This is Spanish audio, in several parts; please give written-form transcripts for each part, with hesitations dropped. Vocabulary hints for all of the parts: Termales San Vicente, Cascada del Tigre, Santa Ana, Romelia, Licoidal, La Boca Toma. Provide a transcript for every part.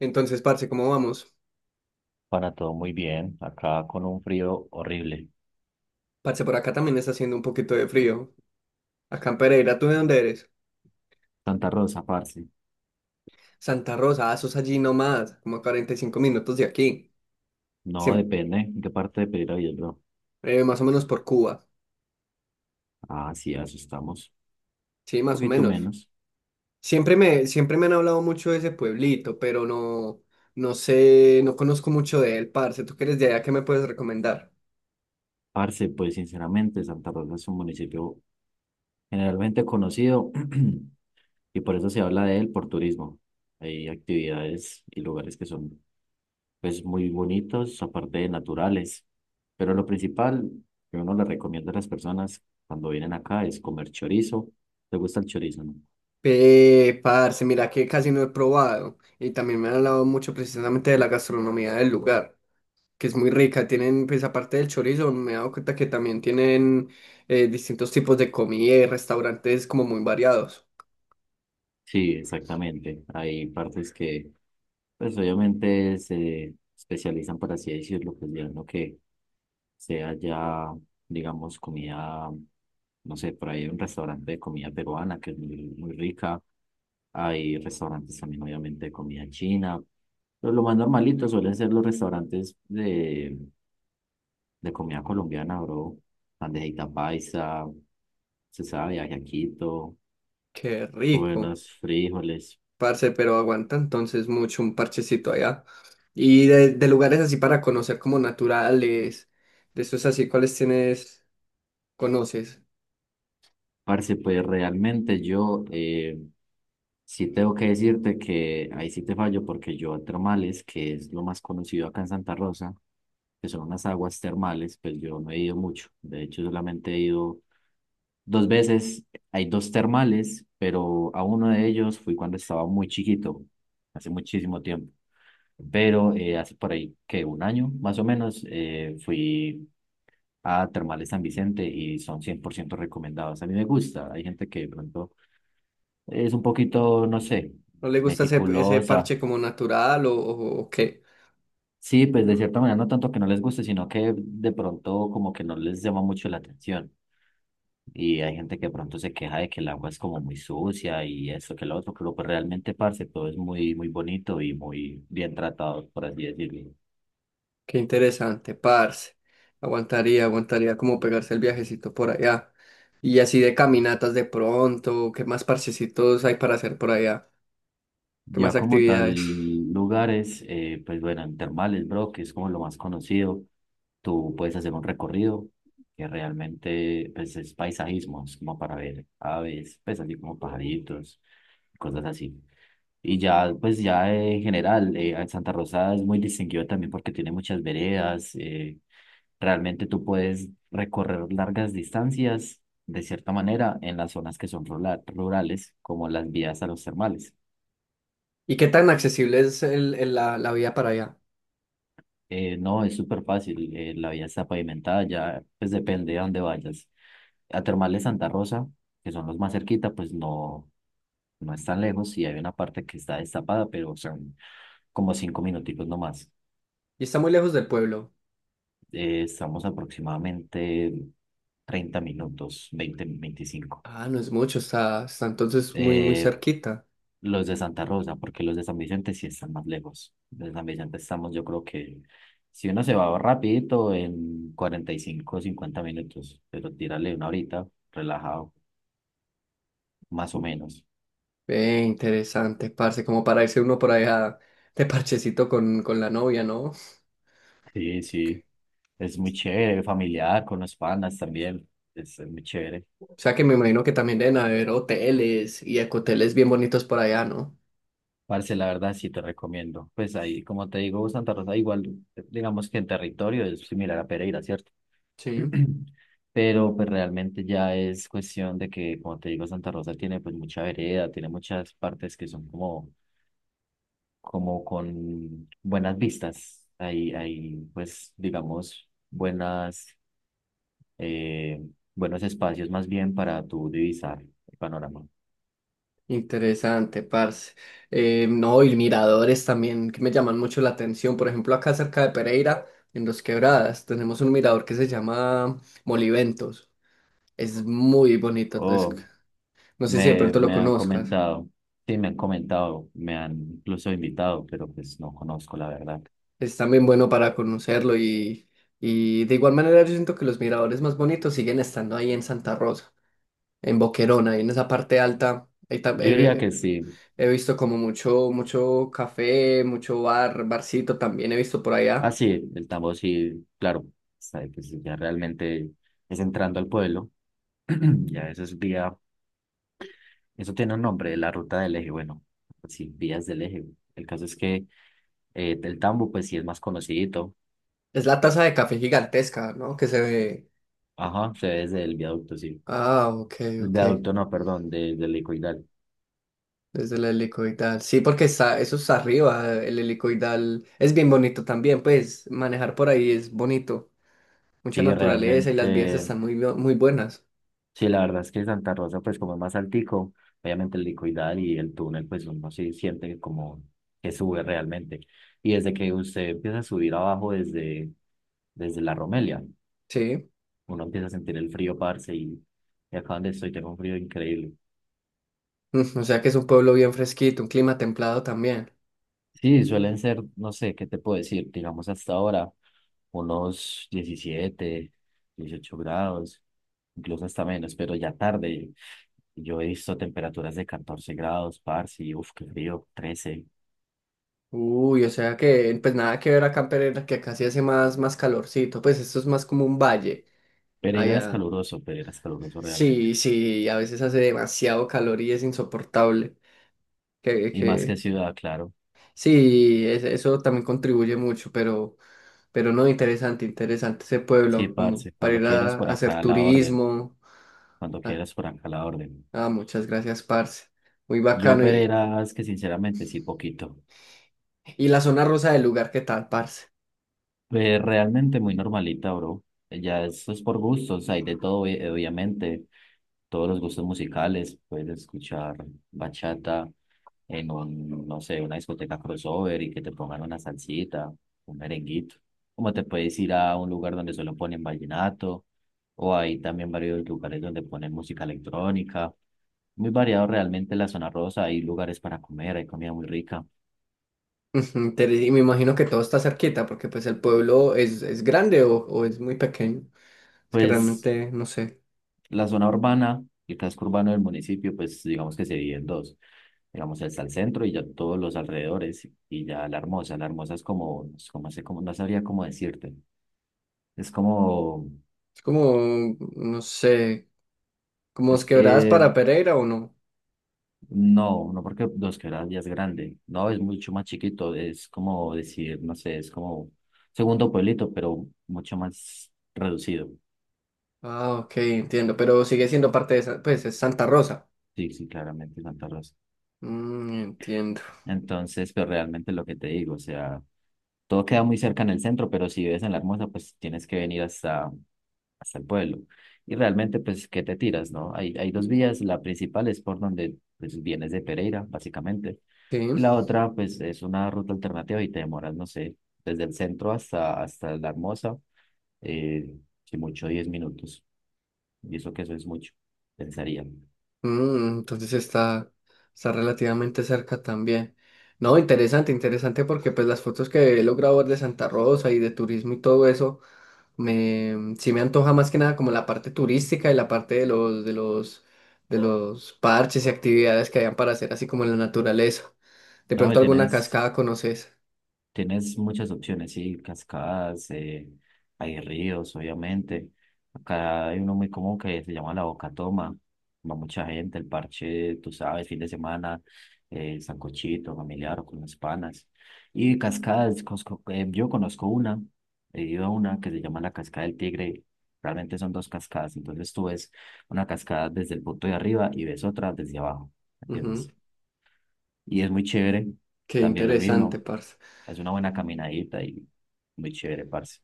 Entonces, parce, ¿cómo vamos? Para todo muy bien, acá con un frío horrible. Parce, por acá también está haciendo un poquito de frío. Acá en Pereira, ¿tú de dónde eres? Santa Rosa, parce. Santa Rosa, ah, sos allí nomás, como a 45 minutos de aquí. No Siem- depende en qué parte de Pereira, bro. Más o menos por Cuba. Ah, sí, asustamos. Sí, Un más o poquito menos. menos. Siempre me han hablado mucho de ese pueblito, pero no, no sé, no conozco mucho de él, parce. ¿Tú que eres de allá? ¿Qué me puedes recomendar? Parce, pues sinceramente, Santa Rosa es un municipio generalmente conocido y por eso se habla de él por turismo. Hay actividades y lugares que son pues muy bonitos, aparte de naturales. Pero lo principal que uno le recomienda a las personas cuando vienen acá es comer chorizo. ¿Te gusta el chorizo, no? Parce, mira que casi no he probado. Y también me han hablado mucho precisamente de la gastronomía del lugar, que es muy rica. Tienen, pues aparte del chorizo, me he dado cuenta que también tienen distintos tipos de comida y restaurantes como muy variados. Sí, exactamente. Hay partes que, pues obviamente se especializan, por así decirlo, pues ya en lo que sea ya, digamos, comida, no sé, por ahí hay un restaurante de comida peruana que es muy, muy rica. Hay restaurantes también, obviamente, de comida china. Pero lo más normalito suelen ser los restaurantes de comida colombiana, bro. Bandejita paisa, se sabe, ajiaquito, Qué rico, buenos frijoles. parce, pero aguanta entonces mucho un parchecito allá. Y de lugares así para conocer como naturales, de esos así, ¿cuáles conoces? Parce, pues realmente yo sí tengo que decirte que ahí sí te fallo porque yo a termales, que es lo más conocido acá en Santa Rosa, que son unas aguas termales, pues yo no he ido mucho. De hecho, solamente he ido dos veces. Hay dos termales, pero a uno de ellos fui cuando estaba muy chiquito, hace muchísimo tiempo. Pero hace por ahí que un año más o menos fui a Termales San Vicente y son 100% recomendados. A mí me gusta, hay gente que de pronto es un poquito, no sé, ¿No le gusta ese meticulosa. parche como natural o qué? Sí, pues de cierta manera no tanto que no les guste, sino que de pronto como que no les llama mucho la atención. Y hay gente que de pronto se queja de que el agua es como muy sucia y eso que lo otro, pero pues realmente, parce, todo es muy, muy bonito y muy bien tratado, por así decirlo. Qué interesante, parce. Aguantaría como pegarse el viajecito por allá. Y así de caminatas de pronto, ¿qué más parchecitos hay para hacer por allá? ¿Qué más Ya como tal, actividades? lugares, pues bueno, en Termales, bro, que es como lo más conocido. Tú puedes hacer un recorrido que realmente pues, es paisajismo, es como para ver aves, pues así como pajaritos, cosas así. Y ya, pues ya en general, Santa Rosa es muy distinguido también porque tiene muchas veredas. Realmente tú puedes recorrer largas distancias de cierta manera en las zonas que son rurales, como las vías a los termales. ¿Y qué tan accesible es la vía para allá? No, es súper fácil, la vía está pavimentada, ya pues depende de dónde vayas. A Termal de Santa Rosa, que son los más cerquita, pues no, no es tan lejos y hay una parte que está destapada, pero son como cinco minutitos nomás. ¿Y está muy lejos del pueblo? Estamos aproximadamente 30 minutos, 20 25. Ah, no es mucho, está entonces muy Eh, cerquita. los de Santa Rosa, porque los de San Vicente sí están más lejos. De San Vicente estamos, yo creo que si uno se va rapidito en 45, 50 minutos, pero tírale una horita, relajado, más o menos. Ve, interesante, parce, como para irse uno por allá de parchecito con la novia, ¿no? Sí, sí. Es muy chévere, familiar, con los panas también. Es muy chévere. O sea que me imagino que también deben haber hoteles y ecoteles bien bonitos por allá, ¿no? Parce, la verdad, sí te recomiendo. Pues ahí, como te digo, Santa Rosa, igual, digamos que en territorio es similar a Pereira, ¿cierto? Sí. Pero pues realmente ya es cuestión de que, como te digo, Santa Rosa tiene pues mucha vereda, tiene muchas partes que son como, como con buenas vistas. Hay pues, digamos, buenas, eh, buenos espacios más bien para tu divisar el panorama. Interesante, parce. No, y miradores también que me llaman mucho la atención. Por ejemplo, acá cerca de Pereira, en Los Quebradas, tenemos un mirador que se llama Moliventos. Es muy bonito, entonces, Oh. no sé si de Me, pronto lo me han conozcas. comentado, sí, me han comentado, me han incluso invitado, pero pues no conozco la verdad. Es también bueno para conocerlo y de igual manera yo siento que los miradores más bonitos siguen estando ahí en Santa Rosa, en Boquerón, ahí en esa parte alta. Yo diría que sí. He visto como mucho café, mucho barcito también he visto por Ah, allá. sí, el tambo sí, claro. Sabe que sí, ya realmente es entrando al pueblo. Ya eso es vía, eso tiene un nombre, la ruta del eje. Bueno, pues sí, vías del eje. El caso es que el tambo, pues sí es más conocidito. Es la taza de café gigantesca, ¿no?, que se ve. Ajá, se ve desde el viaducto, sí. Ah, ok, El ok. viaducto, no, perdón, desde el Licoidal. Desde el helicoidal. Sí, porque está, eso está arriba. El helicoidal es bien bonito también, pues manejar por ahí es bonito. Mucha Sí, naturaleza y las vías realmente. están muy buenas. Sí, la verdad es que Santa Rosa, pues como es más altico, obviamente el licoidal y el túnel, pues uno sí siente que como que sube realmente. Y desde que usted empieza a subir abajo desde la Romelia, Sí. uno empieza a sentir el frío, parce, y acá donde estoy tengo un frío increíble. Mm, o sea que es un pueblo bien fresquito, un clima templado también. Sí, suelen ser, no sé, ¿qué te puedo decir? Digamos hasta ahora, unos 17 18 grados, incluso hasta menos, pero ya tarde. Yo he visto temperaturas de 14 grados, parce, y uff, qué frío, 13. Uy, o sea que, pues nada que ver acá en Pereira, que acá sí hace más calorcito. Pues esto es más como un valle. Allá. Pereira es caluroso realmente. Sí, sí, a veces hace demasiado calor y es insoportable. Y más que Que... ciudad, claro. Sí, es- eso también contribuye mucho, pero no, interesante, interesante ese Sí, pueblo, como parce, para cuando ir quieras a por acá hacer a la orden, turismo. cuando Ah, quieras por acá a la orden. ah, muchas gracias, parce. Muy Yo bacano. Pereira es que sinceramente sí, poquito. Y la zona rosa del lugar, ¿qué tal, parce? Realmente muy normalita, bro. Ya eso es por gustos, hay de todo, obviamente, todos los gustos musicales, puedes escuchar bachata en un, no sé, una discoteca crossover y que te pongan una salsita, un merenguito. Como te puedes ir a un lugar donde solo ponen vallenato, o hay también varios lugares donde ponen música electrónica. Muy variado realmente la zona rosa, hay lugares para comer, hay comida muy rica. Ujú, interes- Y me imagino que todo está cerquita, porque pues el pueblo es grande o es muy pequeño. Es que Pues realmente no sé. la zona urbana, el casco urbano del municipio, pues digamos que se divide en dos. Digamos, está el centro y ya todos los alrededores y ya la hermosa. La hermosa es como, sé cómo- no sabría cómo decirte. Es como, Es como, no sé, como es es quebradas que para Pereira o no. no, no porque Dos Quebradas ya es grande. No, es mucho más chiquito. Es como decir, no sé, es como segundo pueblito, pero mucho más reducido. Ah, ok, entiendo, pero sigue siendo parte de, Sa- pues, es Santa Rosa. Sí, sí, claramente Santa Rosa. Mm, entiendo. Entonces, pero realmente lo que te digo, o sea, todo queda muy cerca en el centro, pero si vives en La Hermosa, pues tienes que venir hasta, hasta el pueblo. Y realmente, pues, ¿qué te tiras, no? Hay dos vías. La principal es por donde pues, vienes de Pereira, básicamente. Sí, Y la otra, pues, es una ruta alternativa y te demoras, no sé, desde el centro hasta, hasta La Hermosa, eh, si mucho, 10 minutos. Y eso que eso es mucho, pensaría. mm, entonces está relativamente cerca también. No, interesante, interesante porque pues las fotos que he logrado ver de Santa Rosa y de turismo y todo eso, me, mm, sí me antoja más que nada como la parte turística y la parte de los parches y actividades que hayan para hacer así como en la naturaleza. De No, pronto alguna cascada conoces. tienes muchas opciones, sí, cascadas, hay ríos, obviamente. Acá hay uno muy común que se llama La Boca Toma. Va mucha gente, el parche, tú sabes, fin de semana, sancochito, familiar o con las panas. Y cascadas, yo conozco una, he ido a una que se llama la Cascada del Tigre. Realmente son dos cascadas, entonces tú ves una cascada desde el punto de arriba y ves otra desde abajo, Ujú. ¿entiendes? Y es muy chévere, Qué también lo interesante, mismo. parce. Es una buena caminadita y muy chévere, parce.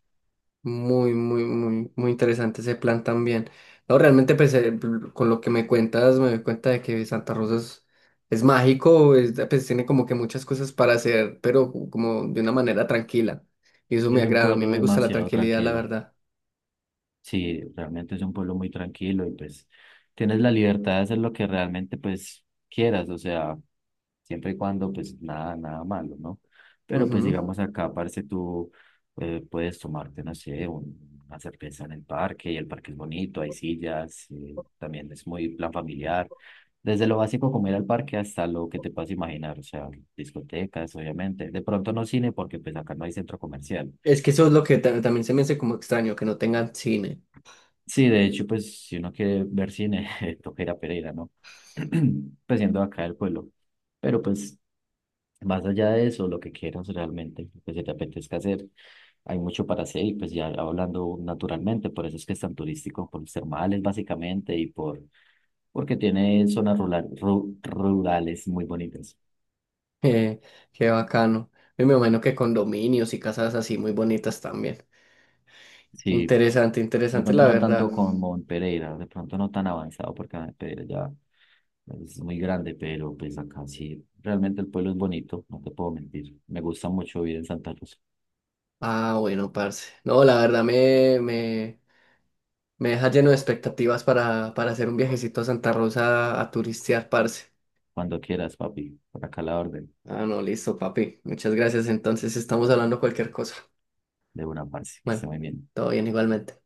Muy interesante ese plan también. No, realmente, pues, con lo que me cuentas, me doy cuenta de que Santa Rosa es mágico, es- pues tiene como que muchas cosas para hacer, pero co- como de una manera tranquila. Y eso Y me es un agrada, a mí pueblo me gusta la demasiado tranquilidad, la tranquilo. verdad. Sí, realmente es un pueblo muy tranquilo y pues tienes la libertad de hacer lo que realmente pues quieras. O sea, siempre y cuando pues nada, nada malo, ¿no? Pero pues Ujú. digamos acá, parce, tú puedes tomarte, no sé, una cerveza en el parque y el parque es bonito, hay sillas, también es muy plan familiar. Desde lo básico como ir al parque hasta lo que te puedas imaginar, o sea, discotecas, obviamente. De pronto no cine porque pues acá no hay centro comercial. Es que eso es lo que ta- también se me hace como extraño, que no tengan cine. Sí, de hecho, pues si uno quiere ver cine, toca ir a Pereira, ¿no? Pues siendo acá el pueblo. Pero pues más allá de eso, lo que quieras realmente, lo que se te apetezca hacer, hay mucho para hacer y pues ya hablando naturalmente, por eso es que es tan turístico, por los termales básicamente y por, porque tiene zonas rurales muy bonitas. Eh, Qué bacano. Y me imagino que condominios y casas así muy bonitas también. Sí, Interesante, de interesante, pronto la no verdad. tanto como en Pereira, de pronto no tan avanzado porque en Pereira ya es muy grande, pero pues acá sí, realmente el pueblo es bonito, no te puedo mentir. Me gusta mucho vivir en Santa Cruz. Ah, bueno, parce. No, la verdad me deja lleno de expectativas para hacer un viajecito a Santa Rosa a turistear, parce. Cuando quieras, papi, por acá la orden Ah, no, listo, papi. Muchas gracias. Entonces estamos hablando cualquier cosa. de una parte, que esté Bueno, muy bien. todo bien igualmente.